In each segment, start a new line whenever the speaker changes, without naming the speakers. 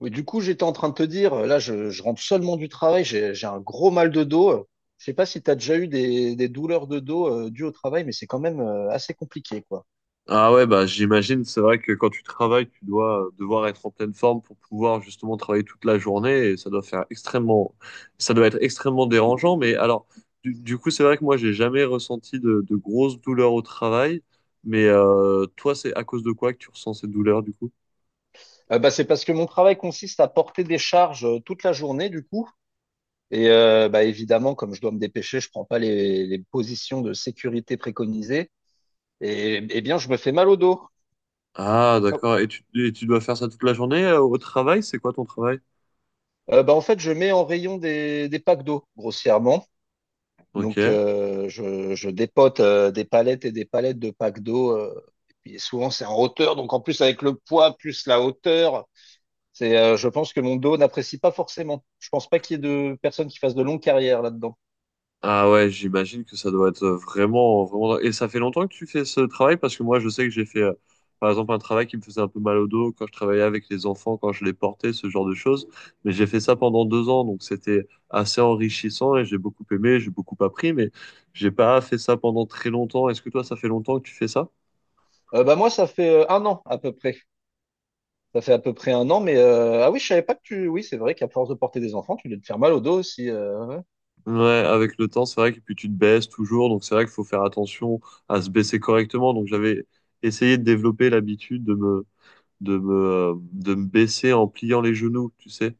Oui, du coup, j'étais en train de te dire, là, je rentre seulement du travail, j'ai un gros mal de dos. Je sais pas si tu as déjà eu des douleurs de dos dues au travail, mais c'est quand même assez compliqué, quoi.
Ah ouais, bah j'imagine, c'est vrai que quand tu travailles, tu dois devoir être en pleine forme pour pouvoir justement travailler toute la journée et ça doit être extrêmement dérangeant. Mais alors, du coup, c'est vrai que moi, j'ai jamais ressenti de grosses douleurs au travail. Mais toi, c'est à cause de quoi que tu ressens ces douleurs du coup?
Bah, c'est parce que mon travail consiste à porter des charges toute la journée, du coup. Et bah, évidemment, comme je dois me dépêcher, je prends pas les positions de sécurité préconisées. Et eh bien, je me fais mal au dos.
Ah, d'accord. Et tu dois faire ça toute la journée au travail? C'est quoi ton travail?
Bah, en fait, je mets en rayon des packs d'eau, grossièrement. Donc,
Ok.
je dépote des palettes et des palettes de packs d'eau. Et puis souvent, c'est en hauteur. Donc, en plus, avec le poids plus la hauteur, je pense que mon dos n'apprécie pas forcément. Je pense pas qu'il y ait de personnes qui fassent de longues carrières là-dedans.
Ah ouais, j'imagine que ça doit être vraiment, vraiment. Et ça fait longtemps que tu fais ce travail parce que moi, je sais que j'ai fait, par exemple, un travail qui me faisait un peu mal au dos quand je travaillais avec les enfants, quand je les portais, ce genre de choses. Mais j'ai fait ça pendant 2 ans, donc c'était assez enrichissant et j'ai beaucoup aimé, j'ai beaucoup appris, mais j'ai pas fait ça pendant très longtemps. Est-ce que toi, ça fait longtemps que tu fais ça?
Bah moi, ça fait un an à peu près. Ça fait à peu près un an, mais ah oui, je savais pas que tu. Oui, c'est vrai qu'à force de porter des enfants, tu dois te faire mal au dos aussi. Ouais.
Ouais, avec le temps, c'est vrai que puis tu te baisses toujours, donc c'est vrai qu'il faut faire attention à se baisser correctement. Donc j'avais essayé de développer l'habitude de me de me baisser en pliant les genoux, tu sais.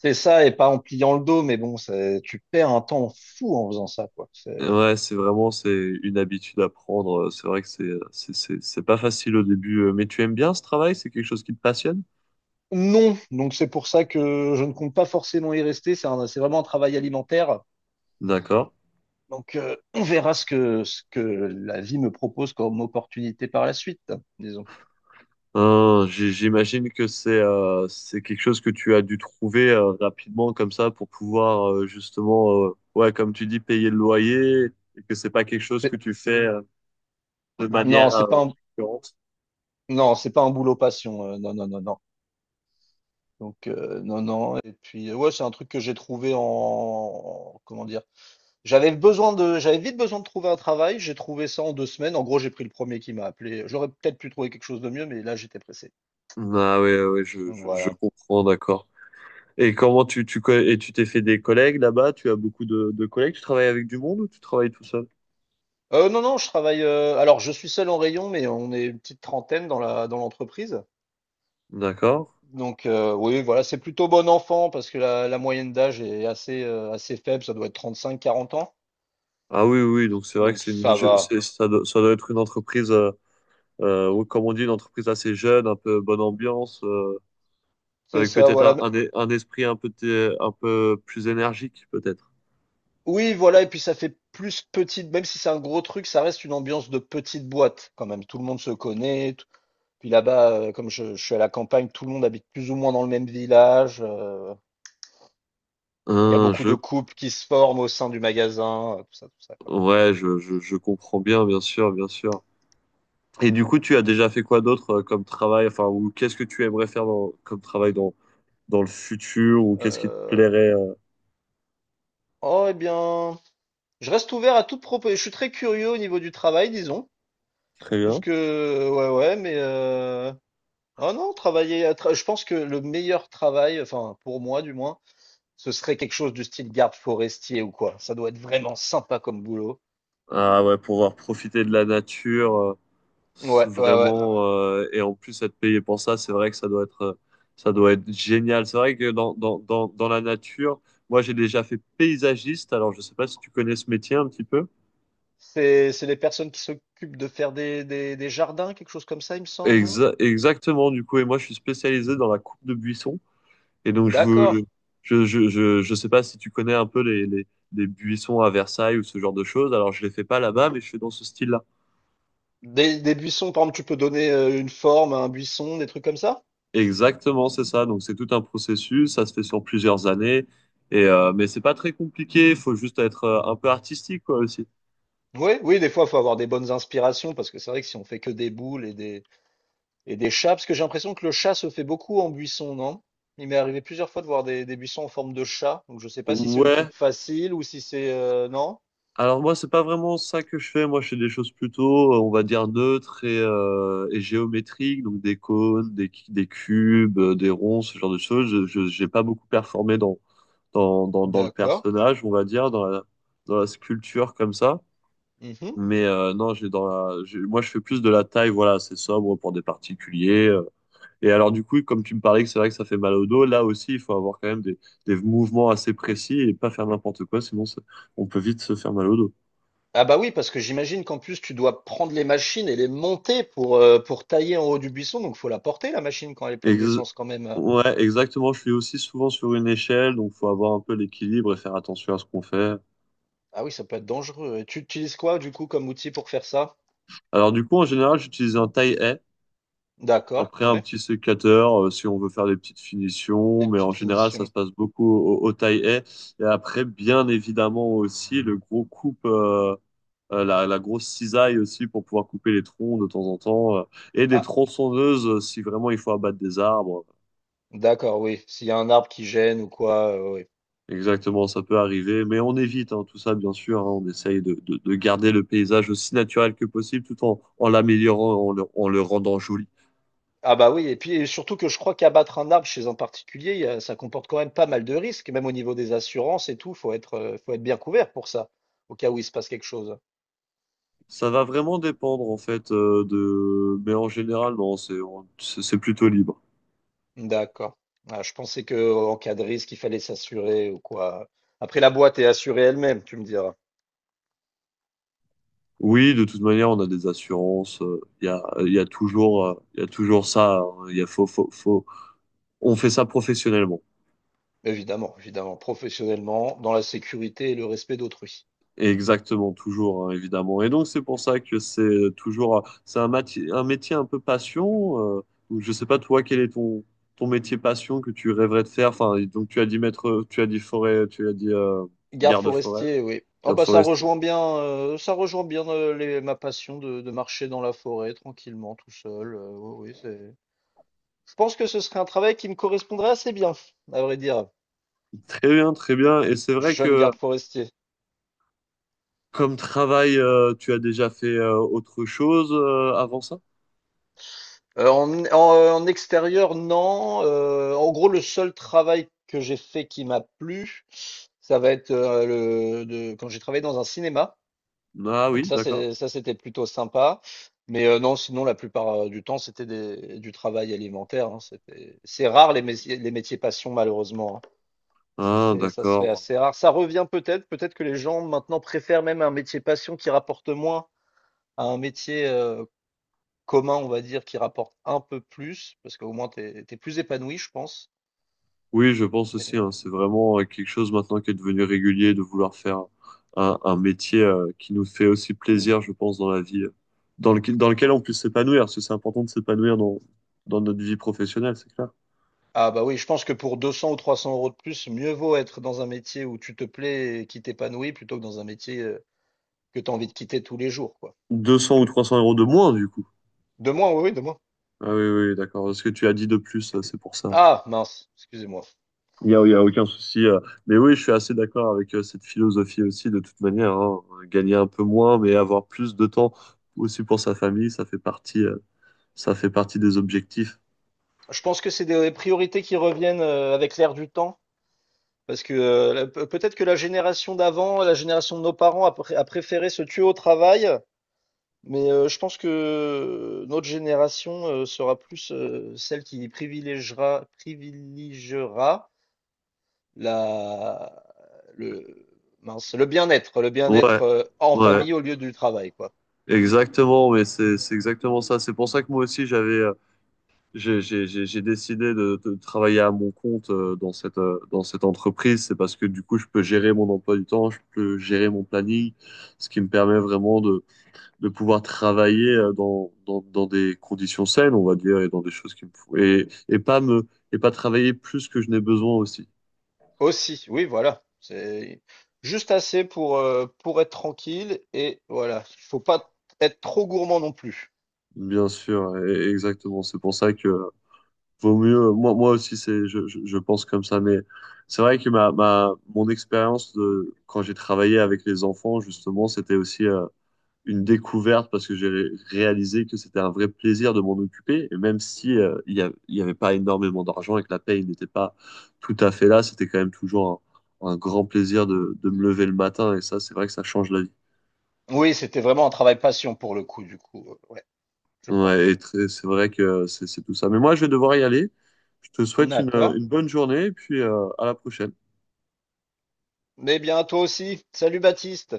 C'est ça, et pas en pliant le dos, mais bon, tu perds un temps fou en faisant ça, quoi. C'est
Ouais, c'est une habitude à prendre. C'est vrai que c'est pas facile au début, mais tu aimes bien ce travail? C'est quelque chose qui te passionne?
Non, donc c'est pour ça que je ne compte pas forcément y rester. C'est vraiment un travail alimentaire.
D'accord.
Donc on verra ce que la vie me propose comme opportunité par la suite, disons.
J'imagine que c'est quelque chose que tu as dû trouver rapidement comme ça pour pouvoir justement, ouais, comme tu dis, payer le loyer et que c'est pas quelque chose que
C'est-
tu fais de
Non,
manière
c'est pas un,
récurrente.
non, c'est pas un boulot passion. Non, non, non, non. Donc non, non. Et puis ouais, c'est un truc que j'ai trouvé comment dire. J'avais vite besoin de trouver un travail. J'ai trouvé ça en 2 semaines. En gros, j'ai pris le premier qui m'a appelé. J'aurais peut-être pu trouver quelque chose de mieux, mais là j'étais pressé.
Ah oui, oui, je,
Donc
je, je
voilà.
comprends, d'accord. Et comment tu, tu, co- et tu t'es fait des collègues là-bas? Tu as beaucoup de collègues? Tu travailles avec du monde ou tu travailles tout seul?
Non, non, alors je suis seul en rayon, mais on est une petite trentaine dans la dans l'entreprise.
D'accord.
Donc, oui, voilà, c'est plutôt bon enfant parce que la moyenne d'âge est assez faible, ça doit être 35 40 ans,
Ah oui, oui, oui, donc c'est vrai que
donc
c'est une,
ça
je-
va.
c'est, ça doit être une entreprise, ou comme on dit, une entreprise assez jeune, un peu bonne ambiance,
C'est
avec
ça,
peut-être un,
voilà.
un, e- un esprit un peu plus énergique, peut-être.
Oui, voilà, et puis ça fait plus petite même si c'est un gros truc, ça reste une ambiance de petite boîte quand même. Tout le monde se connaît, t puis là-bas, comme je suis à la campagne, tout le monde habite plus ou moins dans le même village. Il y a
Hein,
beaucoup de couples qui se forment au sein du magasin, tout ça, quoi.
ouais, je comprends bien, bien sûr, bien sûr. Et du coup, tu as déjà fait quoi d'autre comme travail, enfin, ou qu'est-ce que tu aimerais faire comme travail dans le futur, ou qu'est-ce qui te
Heu
plairait?
Oh, eh bien, je reste ouvert à toute proposition. Je suis très curieux au niveau du travail, disons.
Très bien.
Ouais, ouais, Oh non, Je pense que le meilleur travail, enfin pour moi du moins, ce serait quelque chose du style garde forestier ou quoi. Ça doit être vraiment sympa comme boulot.
Ah ouais, pouvoir profiter de la nature,
Ouais, ouais, ouais.
et en plus être payé pour ça, c'est vrai que ça doit être génial. C'est vrai que dans la nature, moi j'ai déjà fait paysagiste, alors je sais pas si tu connais ce métier un petit peu.
C'est les personnes qui s'occupent de faire des jardins, quelque chose comme ça, il me semble, non?
Exactement, du coup, et moi je suis spécialisé dans la coupe de buissons, et donc je
D'accord.
veux, je sais pas si tu connais un peu les, les buissons à Versailles ou ce genre de choses, alors je les fais pas là-bas, mais je fais dans ce style-là.
Des buissons, par exemple, tu peux donner une forme à un buisson, des trucs comme ça?
Exactement, c'est ça. Donc c'est tout un processus, ça se fait sur plusieurs années. Mais c'est pas très compliqué, il faut juste être un peu artistique quoi aussi.
Oui, oui, des fois, il faut avoir des bonnes inspirations parce que c'est vrai que si on fait que des boules et et des chats, parce que j'ai l'impression que le chat se fait beaucoup en buisson, non? Il m'est arrivé plusieurs fois de voir des buissons en forme de chat, donc je sais pas si c'est une coupe
Ouais.
facile ou si non?
Alors moi c'est pas vraiment ça que je fais. Moi je fais des choses plutôt, on va dire neutres et géométriques, donc des cônes, des, cu- des cubes, des ronds, ce genre de choses. J'ai pas beaucoup performé dans le
D'accord.
personnage, on va dire, dans la sculpture comme ça.
Mhm.
Mais non, j'ai dans la, j'ai- moi je fais plus de la taille, voilà, c'est sobre pour des particuliers. Et alors, du coup, comme tu me parlais que c'est vrai que ça fait mal au dos, là aussi, il faut avoir quand même des mouvements assez précis et pas faire n'importe quoi, on peut vite se faire mal au dos.
Ah bah oui, parce que j'imagine qu'en plus, tu dois prendre les machines et les monter pour tailler en haut du buisson, donc faut la porter, la machine, quand elle est pleine
Ex-
d'essence quand même.
ouais, exactement. Je suis aussi souvent sur une échelle, donc faut avoir un peu l'équilibre et faire attention à ce qu'on fait.
Ah oui, ça peut être dangereux. Et tu utilises quoi, du coup, comme outil pour faire ça?
Alors, du coup, en général, j'utilise un taille-haie,
D'accord,
après un
ouais.
petit sécateur si on veut faire des petites finitions,
Des
mais en
petites
général, ça se
finitions.
passe beaucoup au taille-haie. Et après, bien évidemment aussi, le gros coupe. La grosse cisaille aussi pour pouvoir couper les troncs de temps en temps, et des tronçonneuses si vraiment il faut abattre des arbres.
D'accord, oui. S'il y a un arbre qui gêne ou quoi, oui.
Exactement, ça peut arriver, mais on évite, hein, tout ça, bien sûr, hein. On essaye de garder le paysage aussi naturel que possible tout en l'améliorant, en le rendant joli.
Ah bah oui, et puis et surtout que je crois qu'abattre un arbre chez un particulier, ça comporte quand même pas mal de risques, même au niveau des assurances et tout, faut être bien couvert pour ça, au cas où il se passe quelque chose.
Ça va vraiment dépendre en fait de... Mais en général, non, c'est on- c'est c'est plutôt libre.
D'accord. Ah, je pensais que en cas de risque, il fallait s'assurer ou quoi. Après, la boîte est assurée elle-même, tu me diras.
Oui, de toute manière, on a des assurances. Il y a toujours, il y a toujours ça, hein. Il y a faut, faut, faut... On fait ça professionnellement.
Évidemment, évidemment, professionnellement, dans la sécurité et le respect d'autrui.
Exactement, toujours, hein, évidemment. Et donc, c'est pour ça que c'est un métier un peu passion. Donc, je sais pas, toi, quel est ton, ton métier passion que tu rêverais de faire? Enfin, et donc, tu as dit maître, tu as dit forêt, tu as dit
Garde
garde-forêt,
forestier, oui. Oh bah
garde-forestier.
ça rejoint bien, les ma passion de marcher dans la forêt tranquillement tout seul. Oui, oui, c'est je pense que ce serait un travail qui me correspondrait assez bien, à vrai dire,
Très bien, très bien. Et c'est vrai
jeune
que
garde forestier.
comme travail, tu as déjà fait autre chose avant ça?
En extérieur non, en gros le seul travail que j'ai fait qui m'a plu, ça va être, le de quand j'ai travaillé dans un cinéma.
Ah oui,
Donc ça,
d'accord.
c'est ça, c'était plutôt sympa. Mais non, sinon, la plupart du temps, c'était du travail alimentaire, hein. C'est rare les métiers passion, malheureusement, hein.
Ah,
Ça se fait
d'accord.
assez rare. Ça revient peut-être que les gens maintenant préfèrent même un métier passion qui rapporte moins à un métier commun, on va dire, qui rapporte un peu plus, parce qu'au moins, t'es plus épanoui, je pense.
Oui, je pense aussi, hein,
Mais,
c'est vraiment quelque chose maintenant qui est devenu régulier de vouloir faire un métier qui nous fait aussi plaisir, je pense, dans la vie, dans lequel
Bon,
on puisse s'épanouir, parce que c'est important de s'épanouir dans notre vie professionnelle, c'est clair.
ah bah oui, je pense que pour 200 ou 300 euros de plus, mieux vaut être dans un métier où tu te plais et qui t'épanouit plutôt que dans un métier que tu as envie de quitter tous les jours, quoi.
200 ou 300 euros de moins, du coup.
De moi, oui, oui, de moi.
Ah oui, oui, oui, d'accord. Ce que tu as dit de plus, c'est pour ça.
Ah, mince, excusez-moi.
Il y a aucun souci. Mais oui, je suis assez d'accord avec cette philosophie aussi, de toute manière, hein. Gagner un peu moins, mais avoir plus de temps aussi pour sa famille, ça fait partie des objectifs.
Je pense que c'est des priorités qui reviennent avec l'air du temps. Parce que peut-être que la génération d'avant, la génération de nos parents a préféré se tuer au travail, mais je pense que notre génération sera plus celle qui privilégiera la, le, mince, le
Ouais,
bien-être en
ouais,
famille au lieu du travail, quoi.
exactement, mais c'est exactement ça. C'est pour ça que moi aussi j'avais j'ai décidé de travailler à mon compte dans cette entreprise. C'est parce que du coup je peux gérer mon emploi du temps, je peux gérer mon planning, ce qui me permet vraiment de pouvoir travailler dans des conditions saines, on va dire, et dans des choses qui me font et pas travailler plus que je n'ai besoin aussi.
Aussi, oui, voilà. C'est juste assez pour être tranquille et voilà. Il faut pas être trop gourmand non plus.
Bien sûr, exactement. C'est pour ça que Vaut mieux, moi aussi, je pense comme ça, mais c'est vrai que mon expérience de, quand j'ai travaillé avec les enfants, justement, c'était aussi une découverte parce que j'ai réalisé que c'était un vrai plaisir de m'en occuper. Et même si il y avait pas énormément d'argent et que la paye n'était pas tout à fait là, c'était quand même toujours un grand plaisir de me lever le matin. Et ça, c'est vrai que ça change la vie.
Oui, c'était vraiment un travail passion pour le coup, du coup. Ouais, je
Ouais,
pense.
c'est vrai que c'est tout ça. Mais moi, je vais devoir y aller. Je te souhaite une,
D'accord.
une bonne journée et puis à la prochaine.
Mais bien à toi aussi. Salut Baptiste.